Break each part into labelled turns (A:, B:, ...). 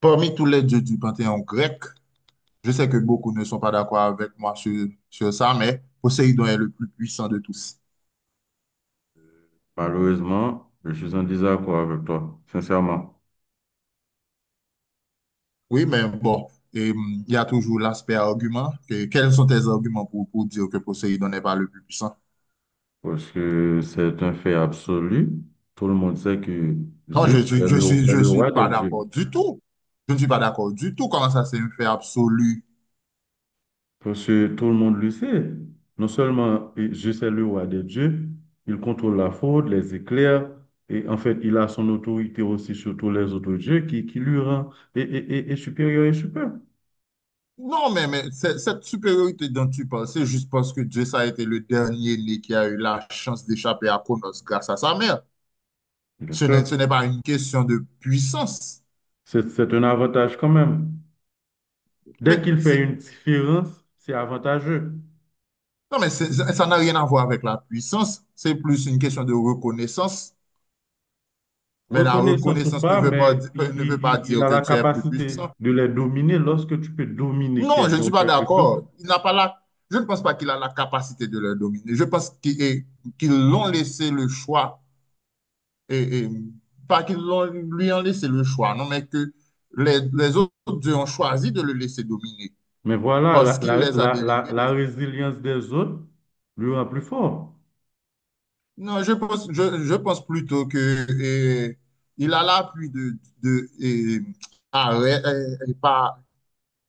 A: Parmi tous les dieux du panthéon grec, je sais que beaucoup ne sont pas d'accord avec moi sur ça, mais Poséidon est le plus puissant de tous.
B: Malheureusement, je suis en désaccord avec toi, sincèrement,
A: Oui, mais bon, il y a toujours l'aspect argument. Quels sont tes arguments pour dire que Poséidon n'est pas le plus puissant?
B: parce que c'est un fait absolu. Tout le monde sait que
A: Non,
B: Zeus est le, est
A: je
B: le
A: suis
B: roi des
A: pas
B: dieux.
A: d'accord du tout. Je ne suis pas d'accord du tout. Comment ça, c'est un fait absolu?
B: Parce que tout le monde le sait. Non seulement Zeus est le roi des dieux, il contrôle la foudre, les éclairs, et en fait, il a son autorité aussi sur tous les autres dieux qui lui rend et, et, et supérieur.
A: Non, mais c'est- Cette supériorité dont tu parles, c'est juste parce que Dieu ça a été le dernier né qui a eu la chance d'échapper à Cronos grâce à sa mère.
B: Bien sûr,
A: Ce n'est pas une question de puissance.
B: c'est un avantage quand même. Dès
A: Mais
B: qu'il fait
A: c'est-
B: une différence, c'est avantageux.
A: Ça n'a rien à voir avec la puissance. C'est plus une question de reconnaissance. Mais la
B: Reconnaissance ou
A: reconnaissance ne
B: pas,
A: veut pas,
B: mais
A: di-
B: il,
A: ne veut
B: il-
A: pas
B: il- il
A: dire
B: a
A: que
B: la
A: tu es plus
B: capacité
A: puissant.
B: de les dominer lorsque tu peux dominer
A: Non, je ne
B: quelqu'un
A: suis
B: ou
A: pas
B: quelque chose.
A: d'accord. Il n'a pas la, je ne pense pas qu'il a la capacité de le dominer. Je pense qu'il est- qu'ils l'ont laissé le choix. Et, et- pas qu'ils l'ont, lui ont laissé le choix, non, mais que les autres deux ont choisi de le laisser dominer
B: Mais voilà,
A: parce
B: la,
A: qu'il
B: la-
A: les a
B: la- la-
A: délivrés de
B: la
A: son.
B: résilience des autres lui rend plus fort.
A: Non, je pense plutôt que euh, il a l'appui de Arès, et pas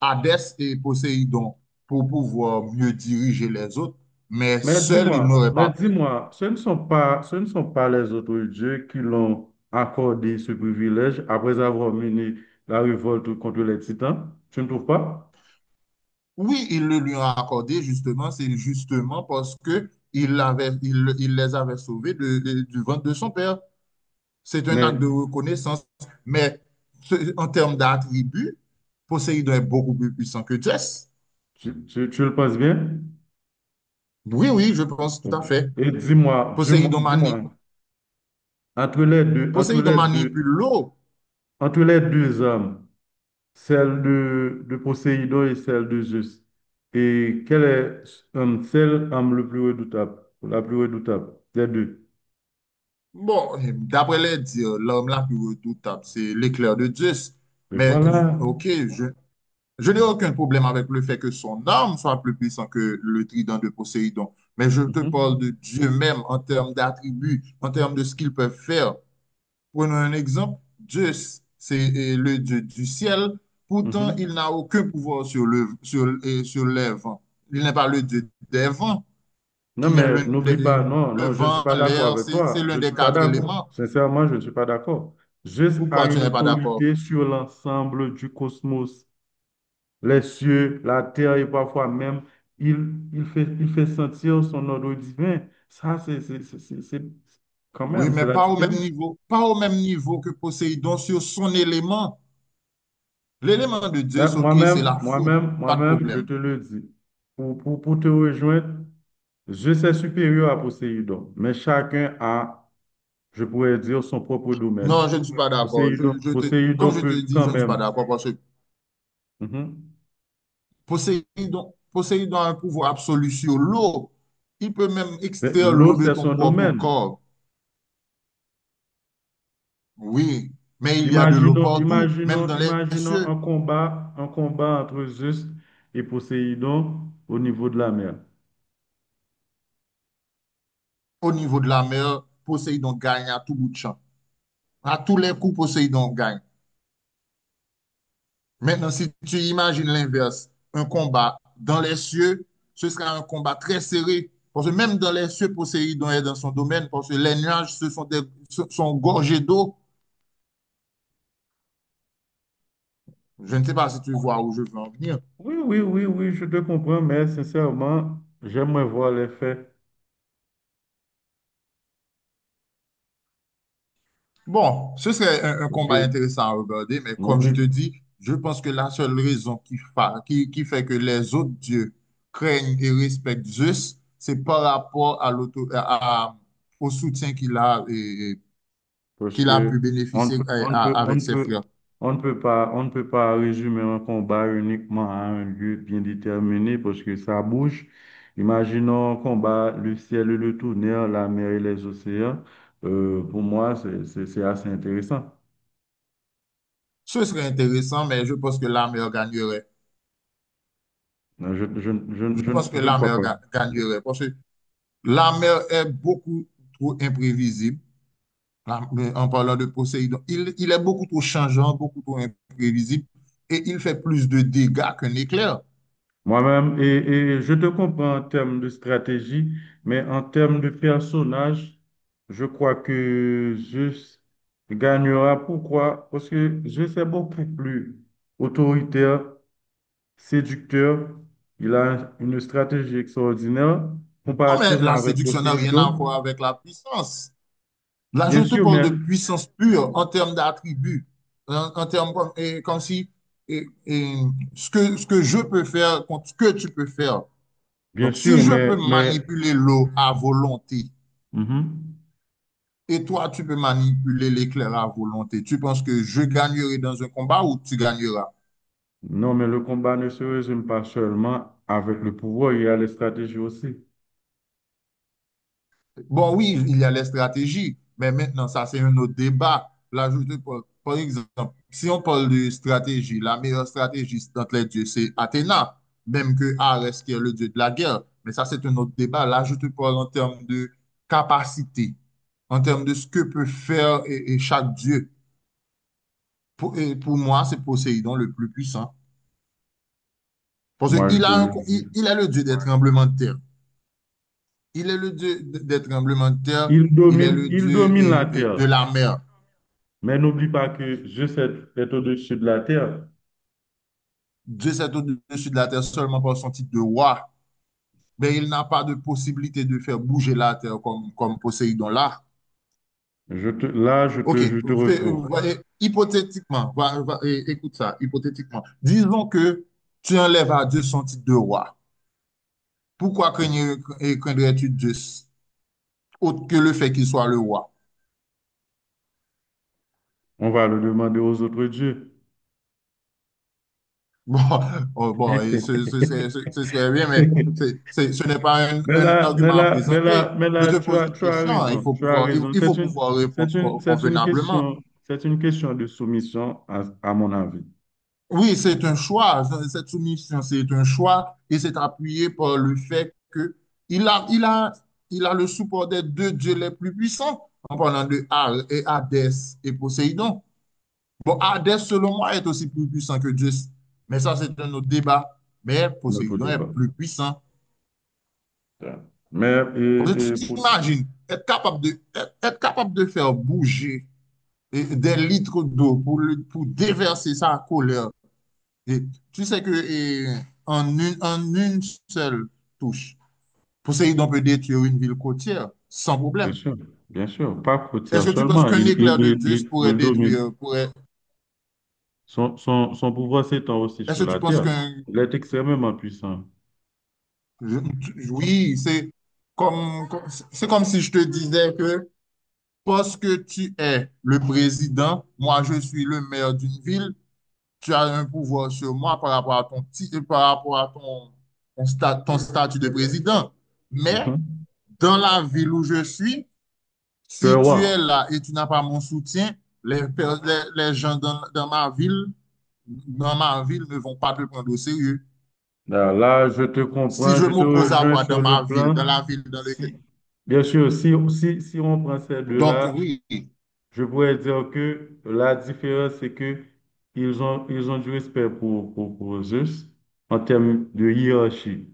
A: Hadès et Poséidon pour pouvoir mieux diriger les autres, mais
B: Mais
A: seul, il
B: dis-moi,
A: n'aurait
B: mais
A: pas pu.
B: dis-moi, ce ne sont pas les autres dieux qui l'ont accordé ce privilège après avoir mené la révolte contre les titans. Tu ne trouves pas?
A: Oui, il le lui a accordé justement, c'est justement parce que il les avait sauvés du ventre de son père. C'est un acte
B: Mais
A: de reconnaissance, mais en termes d'attributs, Poséidon est beaucoup plus puissant que Zeus.
B: tu le penses bien?
A: Oui, oui, je pense tout
B: Ok.
A: à fait.
B: Et dis-moi, dis-moi,
A: Poséidon mani-
B: dis-moi, entre les deux, entre
A: Poséidon
B: les
A: manipule
B: deux
A: l'eau.
B: entre les deux âmes, celle de Poséidon et celle de Zeus. Et quelle est celle âme le plus redoutable, la plus redoutable des deux?
A: Bon, d'après les dires, l'homme la plus redoutable, c'est l'éclair de Zeus.
B: Mais
A: Mais,
B: voilà.
A: ok, je, je n'ai aucun problème avec le fait que son arme soit plus puissante que le trident de Poséidon. Mais je te parle de
B: Mhm,
A: Dieu même en termes d'attributs, en termes de ce qu'il peut faire. Prenons un exemple. Zeus, c'est le dieu du ciel. Pourtant, il
B: mhm.
A: n'a aucun pouvoir sur les vents. Il n'est pas le dieu des vents.
B: Non,
A: Qui est
B: mais
A: l'un
B: n'oublie
A: des,
B: pas, non,
A: Le
B: non, je ne suis
A: vent,
B: pas d'accord
A: l'air,
B: avec
A: c'est
B: toi.
A: l'un
B: Je ne
A: des
B: suis pas
A: quatre
B: d'accord.
A: éléments.
B: Sincèrement, je ne suis pas d'accord. Zeus a
A: Pourquoi tu
B: une
A: n'es pas d'accord?
B: autorité sur l'ensemble du cosmos, les cieux, la terre et parfois même, il, il fait sentir son ordre divin. Ça, c'est, quand
A: Oui,
B: même, c'est
A: mais
B: la
A: pas au même
B: différence.
A: niveau, pas au même niveau que Poséidon sur son élément. L'élément de
B: Mais
A: Zeus, ok, c'est
B: moi-même,
A: la foudre,
B: moi-même,
A: pas de
B: moi-même, je
A: problème.
B: te le dis, pour te rejoindre, je suis supérieur à Poséidon, mais chacun a, je pourrais dire, son propre domaine.
A: Non, je ne suis pas d'accord.
B: Poséidon,
A: Comme
B: Poséidon
A: je te
B: peut
A: dis, je
B: quand
A: ne suis pas
B: même.
A: d'accord parce que
B: Mhm.
A: Poséidon a un pouvoir absolu sur l'eau. Il peut même
B: Mais
A: extraire
B: l'eau,
A: l'eau de
B: c'est
A: ton
B: son
A: propre
B: domaine.
A: corps. Oui, mais il y a de l'eau
B: Imaginons,
A: partout, même
B: imaginons,
A: dans les
B: imaginons
A: cieux.
B: un combat entre Zeus et Poséidon au niveau de la mer.
A: Au niveau de la mer, Poséidon gagne à tout bout de champ. À tous les coups, Poséidon gagne. Maintenant, si tu imagines l'inverse, un combat dans les cieux, ce sera un combat très serré. Parce que même dans les cieux, Poséidon est dans son domaine, parce que les nuages ce sont, des, ce sont gorgés d'eau. Je ne sais pas si tu vois où je veux en venir.
B: Oui, je te comprends, mais sincèrement, j'aimerais voir les faits.
A: Bon, ce serait un
B: Parce
A: combat
B: que,
A: intéressant à regarder, mais comme je
B: n'oublie,
A: te dis, je pense que la seule raison qui fait que les autres dieux craignent et respectent Zeus, c'est par rapport à au soutien qu'il a,
B: parce
A: qu'il a
B: que
A: pu
B: on ne peut,
A: bénéficier
B: on ne peut, on
A: avec
B: ne
A: ses
B: peut,
A: frères.
B: on ne peut pas, on ne peut pas résumer un combat uniquement à un lieu bien déterminé parce que ça bouge. Imaginons un combat, le ciel et le tonnerre, la mer et les océans. Pour moi, c'est assez intéressant.
A: Ce serait intéressant, mais je pense que la mère gagnerait.
B: Non,
A: Je pense que
B: je ne
A: la
B: crois
A: mère
B: pas.
A: ga- gagnerait, parce que la mère est beaucoup trop imprévisible. Là, en parlant de Poséidon, il est beaucoup trop changeant, beaucoup trop imprévisible et il fait plus de dégâts qu'un éclair.
B: Moi-même, je te comprends en termes de stratégie, mais en termes de personnage, je crois que Zeus gagnera. Pourquoi? Parce que Zeus est beaucoup plus autoritaire, séducteur. Il a une stratégie extraordinaire
A: Non, mais
B: comparativement
A: la
B: avec
A: séduction n'a rien
B: Poséidon.
A: à voir avec la puissance. Là, je
B: Bien
A: te
B: sûr,
A: parle
B: mais,
A: de puissance pure en termes d'attributs, en termes comme, comme si et, et ce que, ce que je peux faire contre ce que tu peux faire.
B: bien
A: Donc, si
B: sûr,
A: je peux
B: mais,
A: manipuler l'eau à volonté
B: mhm.
A: et toi, tu peux manipuler l'éclair à volonté, tu penses que je gagnerai dans un combat ou tu gagneras?
B: Non, mais le combat ne se résume pas seulement avec le pouvoir, il y a les stratégies aussi.
A: Bon, oui, il y a les stratégies, mais maintenant, ça, c'est un autre débat. Là, par exemple, si on parle de stratégie, la meilleure stratégie entre les dieux, c'est Athéna, même que Arès, qui est le dieu de la guerre. Mais ça, c'est un autre débat. Là, je te parle en termes de capacité, en termes de ce que peut faire et chaque dieu. Pour moi, c'est Poséidon le plus puissant. Parce
B: Moi, je
A: qu'il
B: te
A: a un,
B: le
A: co-
B: dis.
A: il est le dieu des tremblements de terre. Il est le dieu des tremblements de terre.
B: Il
A: Il est
B: domine,
A: le
B: il
A: dieu
B: domine la terre,
A: de la mer.
B: mais n'oublie pas que je sais être au-dessus de la terre.
A: Dieu s'est au-dessus de la terre seulement par son titre de roi. Mais il n'a pas de possibilité de faire bouger la terre comme Poséidon là.
B: Je te, là,
A: OK.
B: je te retrouve.
A: Hypothétiquement, écoute ça, hypothétiquement. Disons que tu enlèves à Dieu son titre de roi. Pourquoi craindrais-tu Dieu autre que le fait qu'il soit le roi?
B: On va le demander aux autres dieux.
A: Bon, oh, bon et ce serait bien, mais ce n'est pas un,
B: Mais
A: un
B: là, mais
A: argument à
B: là, mais
A: présenter.
B: là, mais
A: Je
B: là,
A: te pose une question, hein,
B: tu as raison.
A: faut pouvoir répondre
B: C'est une
A: convenablement.
B: question, de soumission à mon avis,
A: Oui, c'est un choix. Cette soumission, c'est un choix et c'est appuyé par le fait que il a, il a, il a le support des deux dieux les plus puissants, en parlant de Hal et Hadès et Poséidon. Bon, Hadès, selon moi, est aussi plus puissant que Zeus, mais ça, c'est un autre débat. Mais
B: notre
A: Poséidon est
B: débat.
A: plus puissant.
B: Mais
A: Parce que tu t'imagines être capable de, être capable de faire bouger des litres d'eau pour déverser sa colère. Et tu sais que en en une seule touche, Poséidon peut détruire une ville côtière sans
B: bien
A: problème.
B: sûr, pas
A: Est-ce
B: côtière
A: que tu penses
B: seulement,
A: qu'un
B: il, il,
A: éclair de
B: il,
A: Zeus
B: il,
A: pourrait
B: il domine.
A: détruire, pourrait...
B: Son pouvoir s'étend aussi sur
A: Est-ce que
B: la
A: tu penses
B: terre.
A: qu'un...
B: Il est extrêmement puissant.
A: Oui, c'est comme, comme- c'est comme si je te disais que parce que tu es le président, moi je suis le maire d'une ville, tu as un pouvoir sur moi par rapport à par rapport à ton statut de président. Mais
B: Mhm.
A: dans la ville où je suis,
B: Tu es
A: si
B: roi.
A: tu es là et tu n'as pas mon soutien, les, les gens dans ma ville ne vont pas te prendre au sérieux.
B: Là, je te
A: Si
B: comprends,
A: je
B: je te
A: m'oppose à
B: rejoins
A: toi
B: sur
A: dans
B: le
A: ma ville,
B: plan.
A: dans la ville dans
B: Si,
A: laquelle...
B: bien sûr, si on prend ces
A: Donc
B: deux-là,
A: oui.
B: je pourrais dire que la différence, c'est que ils ont du respect pour Zeus en termes de hiérarchie.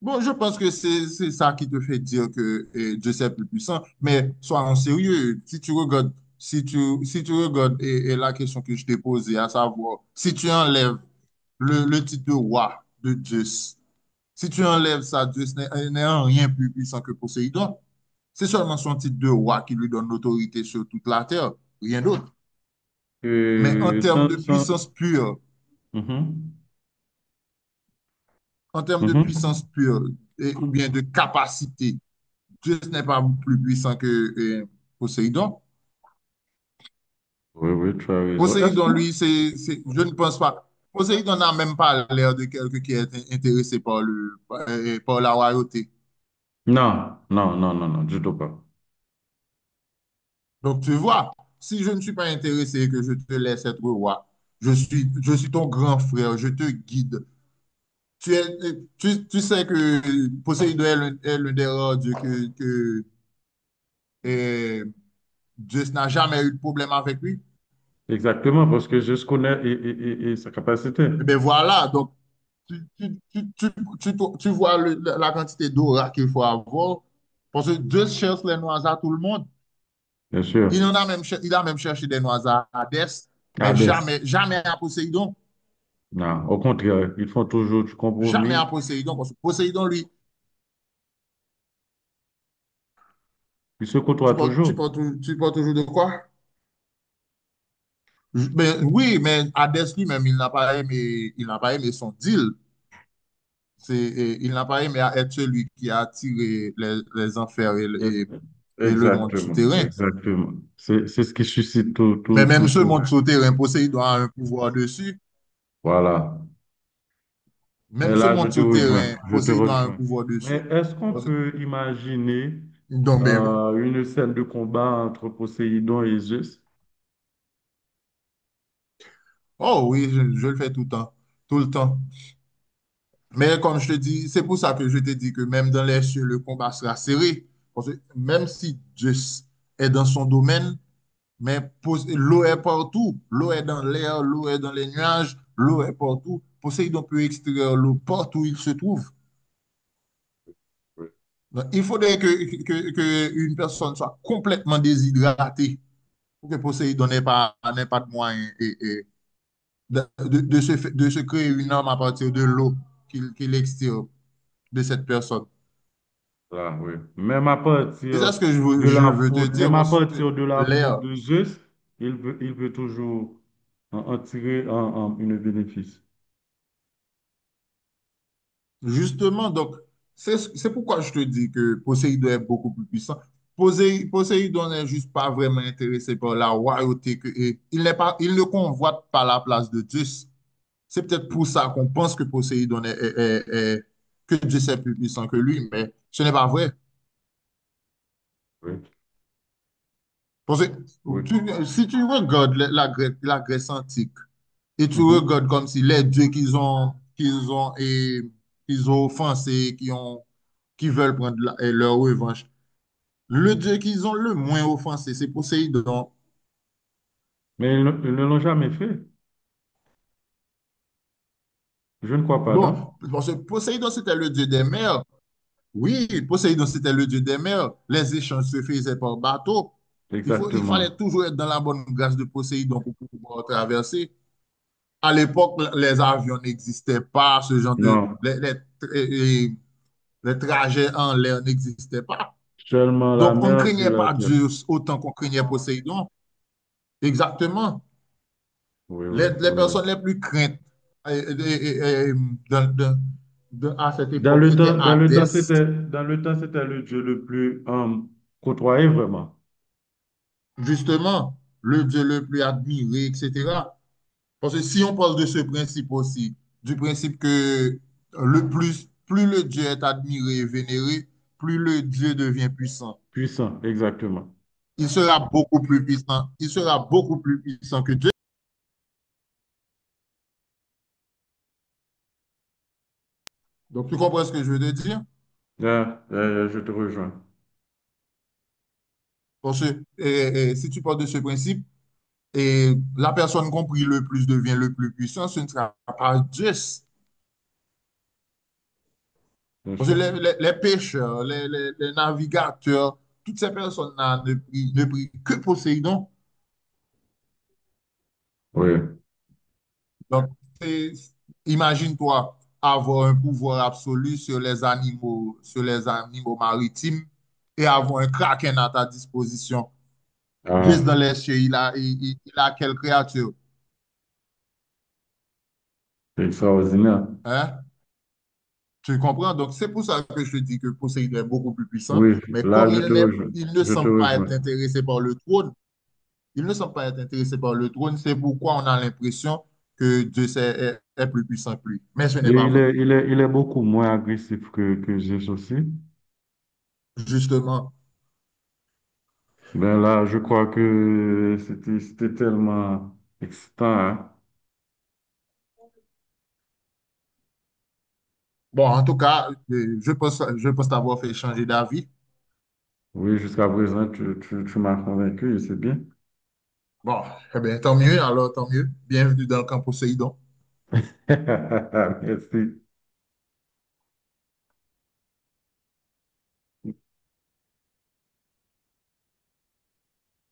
A: Bon, je pense que c'est ça qui te fait dire que eh, Dieu c'est plus puissant, mais sois en sérieux. Si tu regardes, si tu regardes et la question que je t'ai posée, à savoir, si tu enlèves le titre de roi de Dieu. Si tu enlèves ça, Dieu n'est en rien plus puissant que Poséidon. C'est seulement son titre de roi qui lui donne l'autorité sur toute la terre, rien d'autre. Mais en
B: Euh,
A: termes
B: sans,
A: de
B: sans-
A: puissance pure,
B: Mhm,
A: en termes de
B: mhm.
A: puissance pure, ou bien de capacité, Dieu n'est pas plus puissant que Poséidon.
B: Oui, oui, tu as raison. Est-ce
A: Poséidon,
B: que...
A: lui, je ne pense pas. Poséidon n'a même pas l'air de quelqu'un qui est intéressé par par la royauté.
B: Non, du tout pas.
A: Donc, tu vois, si je ne suis pas intéressé et que je te laisse être roi, je suis ton grand frère, je te guide. Tu, es, tu sais que Poséidon est l'un des rares dieux que euh, Zeus n'a jamais eu de problème avec lui.
B: Exactement, parce que je connais sa capacité,
A: Eh bien, voilà, donc tu, tu, tu, tu, tu vois la quantité d'aura qu'il faut avoir. Parce que Zeus cherche les noises à tout le monde.
B: bien sûr.
A: Il a même cherché des noises à Hadès, mais
B: Hades,
A: jamais, jamais à Poséidon.
B: non, au contraire, ils font toujours du
A: Jamais à
B: compromis,
A: Poséidon, parce que Poséidon, lui,
B: ils se côtoient
A: tu parles,
B: toujours.
A: tu parles tu parles toujours de quoi? Ben, oui, mais Hadès lui-même, il n'a pas aimé son deal. C'est, et il n'a pas aimé être celui qui a attiré les enfers
B: Yes.
A: et le monde
B: Exactement,
A: souterrain.
B: exactement. C'est ce qui suscite
A: Mais
B: tout
A: même ce
B: ce...
A: monde Ouais. souterrain, Poséidon a un pouvoir dessus.
B: Voilà. Mais
A: Même ce
B: là,
A: monde souterrain,
B: je te
A: Poséidon a un
B: rejoins.
A: pouvoir
B: Mais
A: dessus.
B: est-ce qu'on peut imaginer
A: Donc, ben,
B: une scène de combat entre Poséidon et Zeus?
A: oh oui, je le fais tout le temps. Tout le temps. Mais comme je te dis, c'est pour ça que je te dis que même dans les cieux, le combat sera serré. Parce que même si Dieu est dans son domaine, mais l'eau est partout. L'eau est dans l'air, l'eau est dans les nuages, l'eau est partout. Poséidon peut extraire l'eau partout où il se trouve.
B: Oui,
A: Donc, il faudrait que une personne soit complètement déshydratée pour que Poséidon n'ait pas de moyen de, de se créer une arme à partir de l'eau qu'il extire de cette personne.
B: ça, oui. Même à
A: C'est ça
B: partir
A: ce que
B: de
A: je
B: la
A: veux te
B: faute,
A: dire,
B: même à
A: parce que
B: partir de la faute
A: l'air,
B: de juste, il peut toujours en, en tirer une bénéfice.
A: justement, donc, c'est pourquoi je te dis que Poséidon est beaucoup plus puissant. Poséidon n'est juste pas vraiment intéressé par la royauté que, et il n'est pas, il ne convoite pas la place de Zeus. C'est peut-être pour ça qu'on pense que Poséidon est, est- est- est- que Zeus est plus puissant que lui, mais ce n'est pas vrai.
B: Oui,
A: Parce que
B: oui.
A: si tu regardes la Grèce antique. Et tu
B: Mhm.
A: regardes comme si les dieux qu'ils ont offensés, qui veulent prendre leur revanche. Le dieu qu'ils ont le moins offensé, c'est Poséidon.
B: Mais ils ne l'ont jamais fait. Je ne crois pas, non?
A: Bon, parce que Poséidon, c'était le dieu des mers. Oui, Poséidon, c'était le dieu des mers. Les échanges se faisaient par bateau. Il fallait
B: Exactement.
A: toujours être dans la bonne grâce de Poséidon pour pouvoir traverser. À l'époque, les avions n'existaient pas, ce genre de,
B: Non.
A: les- et les trajets en l'air n'existaient pas.
B: Seulement la
A: Donc, on ne
B: mer puis
A: craignait
B: la
A: pas
B: terre.
A: Dieu autant qu'on craignait Poséidon. Exactement.
B: Oui, oui,
A: Les
B: oui, oui.
A: personnes les plus craintes euh, euh, euh, euh, euh, dans- dans- à cette époque, c'était Hadès,
B: Dans le temps, c'était le Dieu le plus côtoyé, vraiment.
A: justement, le dieu le plus admiré, etc. Parce que si on parle de ce principe aussi, du principe que plus le dieu est admiré et vénéré, plus le dieu devient puissant.
B: Puissant, exactement.
A: Il sera beaucoup plus puissant. Il sera beaucoup plus puissant que Dieu. Donc, tu comprends ce que je veux te dire?
B: Là, je te rejoins,
A: Parce que si tu pars de ce principe, la personne compris le plus devient le plus puissant, ce ne sera pas juste.
B: bien
A: Parce que
B: sûr.
A: les pêcheurs, les navigateurs, toutes ces personnes-là ne prient que Poséidon.
B: Oui.
A: Donc, c'est- imagine-toi avoir un pouvoir absolu sur les animaux maritimes et avoir un kraken à ta disposition. Juste
B: Ah,
A: dans les cieux, il a quelle créature?
B: c'est extraordinaire.
A: Hein? Tu comprends? Donc, c'est pour ça que je te dis que Poséidon est beaucoup plus puissant,
B: Oui,
A: mais
B: là,
A: comme
B: je
A: il
B: te
A: n'est,
B: rejoins.
A: il ne
B: Je te
A: semble pas
B: rejoins.
A: être intéressé par le trône, il ne semble pas être intéressé par le trône, c'est pourquoi on a l'impression que Dieu est plus puissant que lui. Mais ce
B: Et
A: n'est pas vrai.
B: il est beaucoup moins agressif que Zeus aussi.
A: Justement,
B: Ben là, je crois que c'était tellement excitant, hein.
A: bon, en tout cas, je pense t'avoir fait changer d'avis.
B: Oui, jusqu'à présent, tu m'as convaincu et c'est bien.
A: Bon, eh bien, tant mieux, alors tant mieux. Bienvenue dans le camp Poséidon.
B: Merci.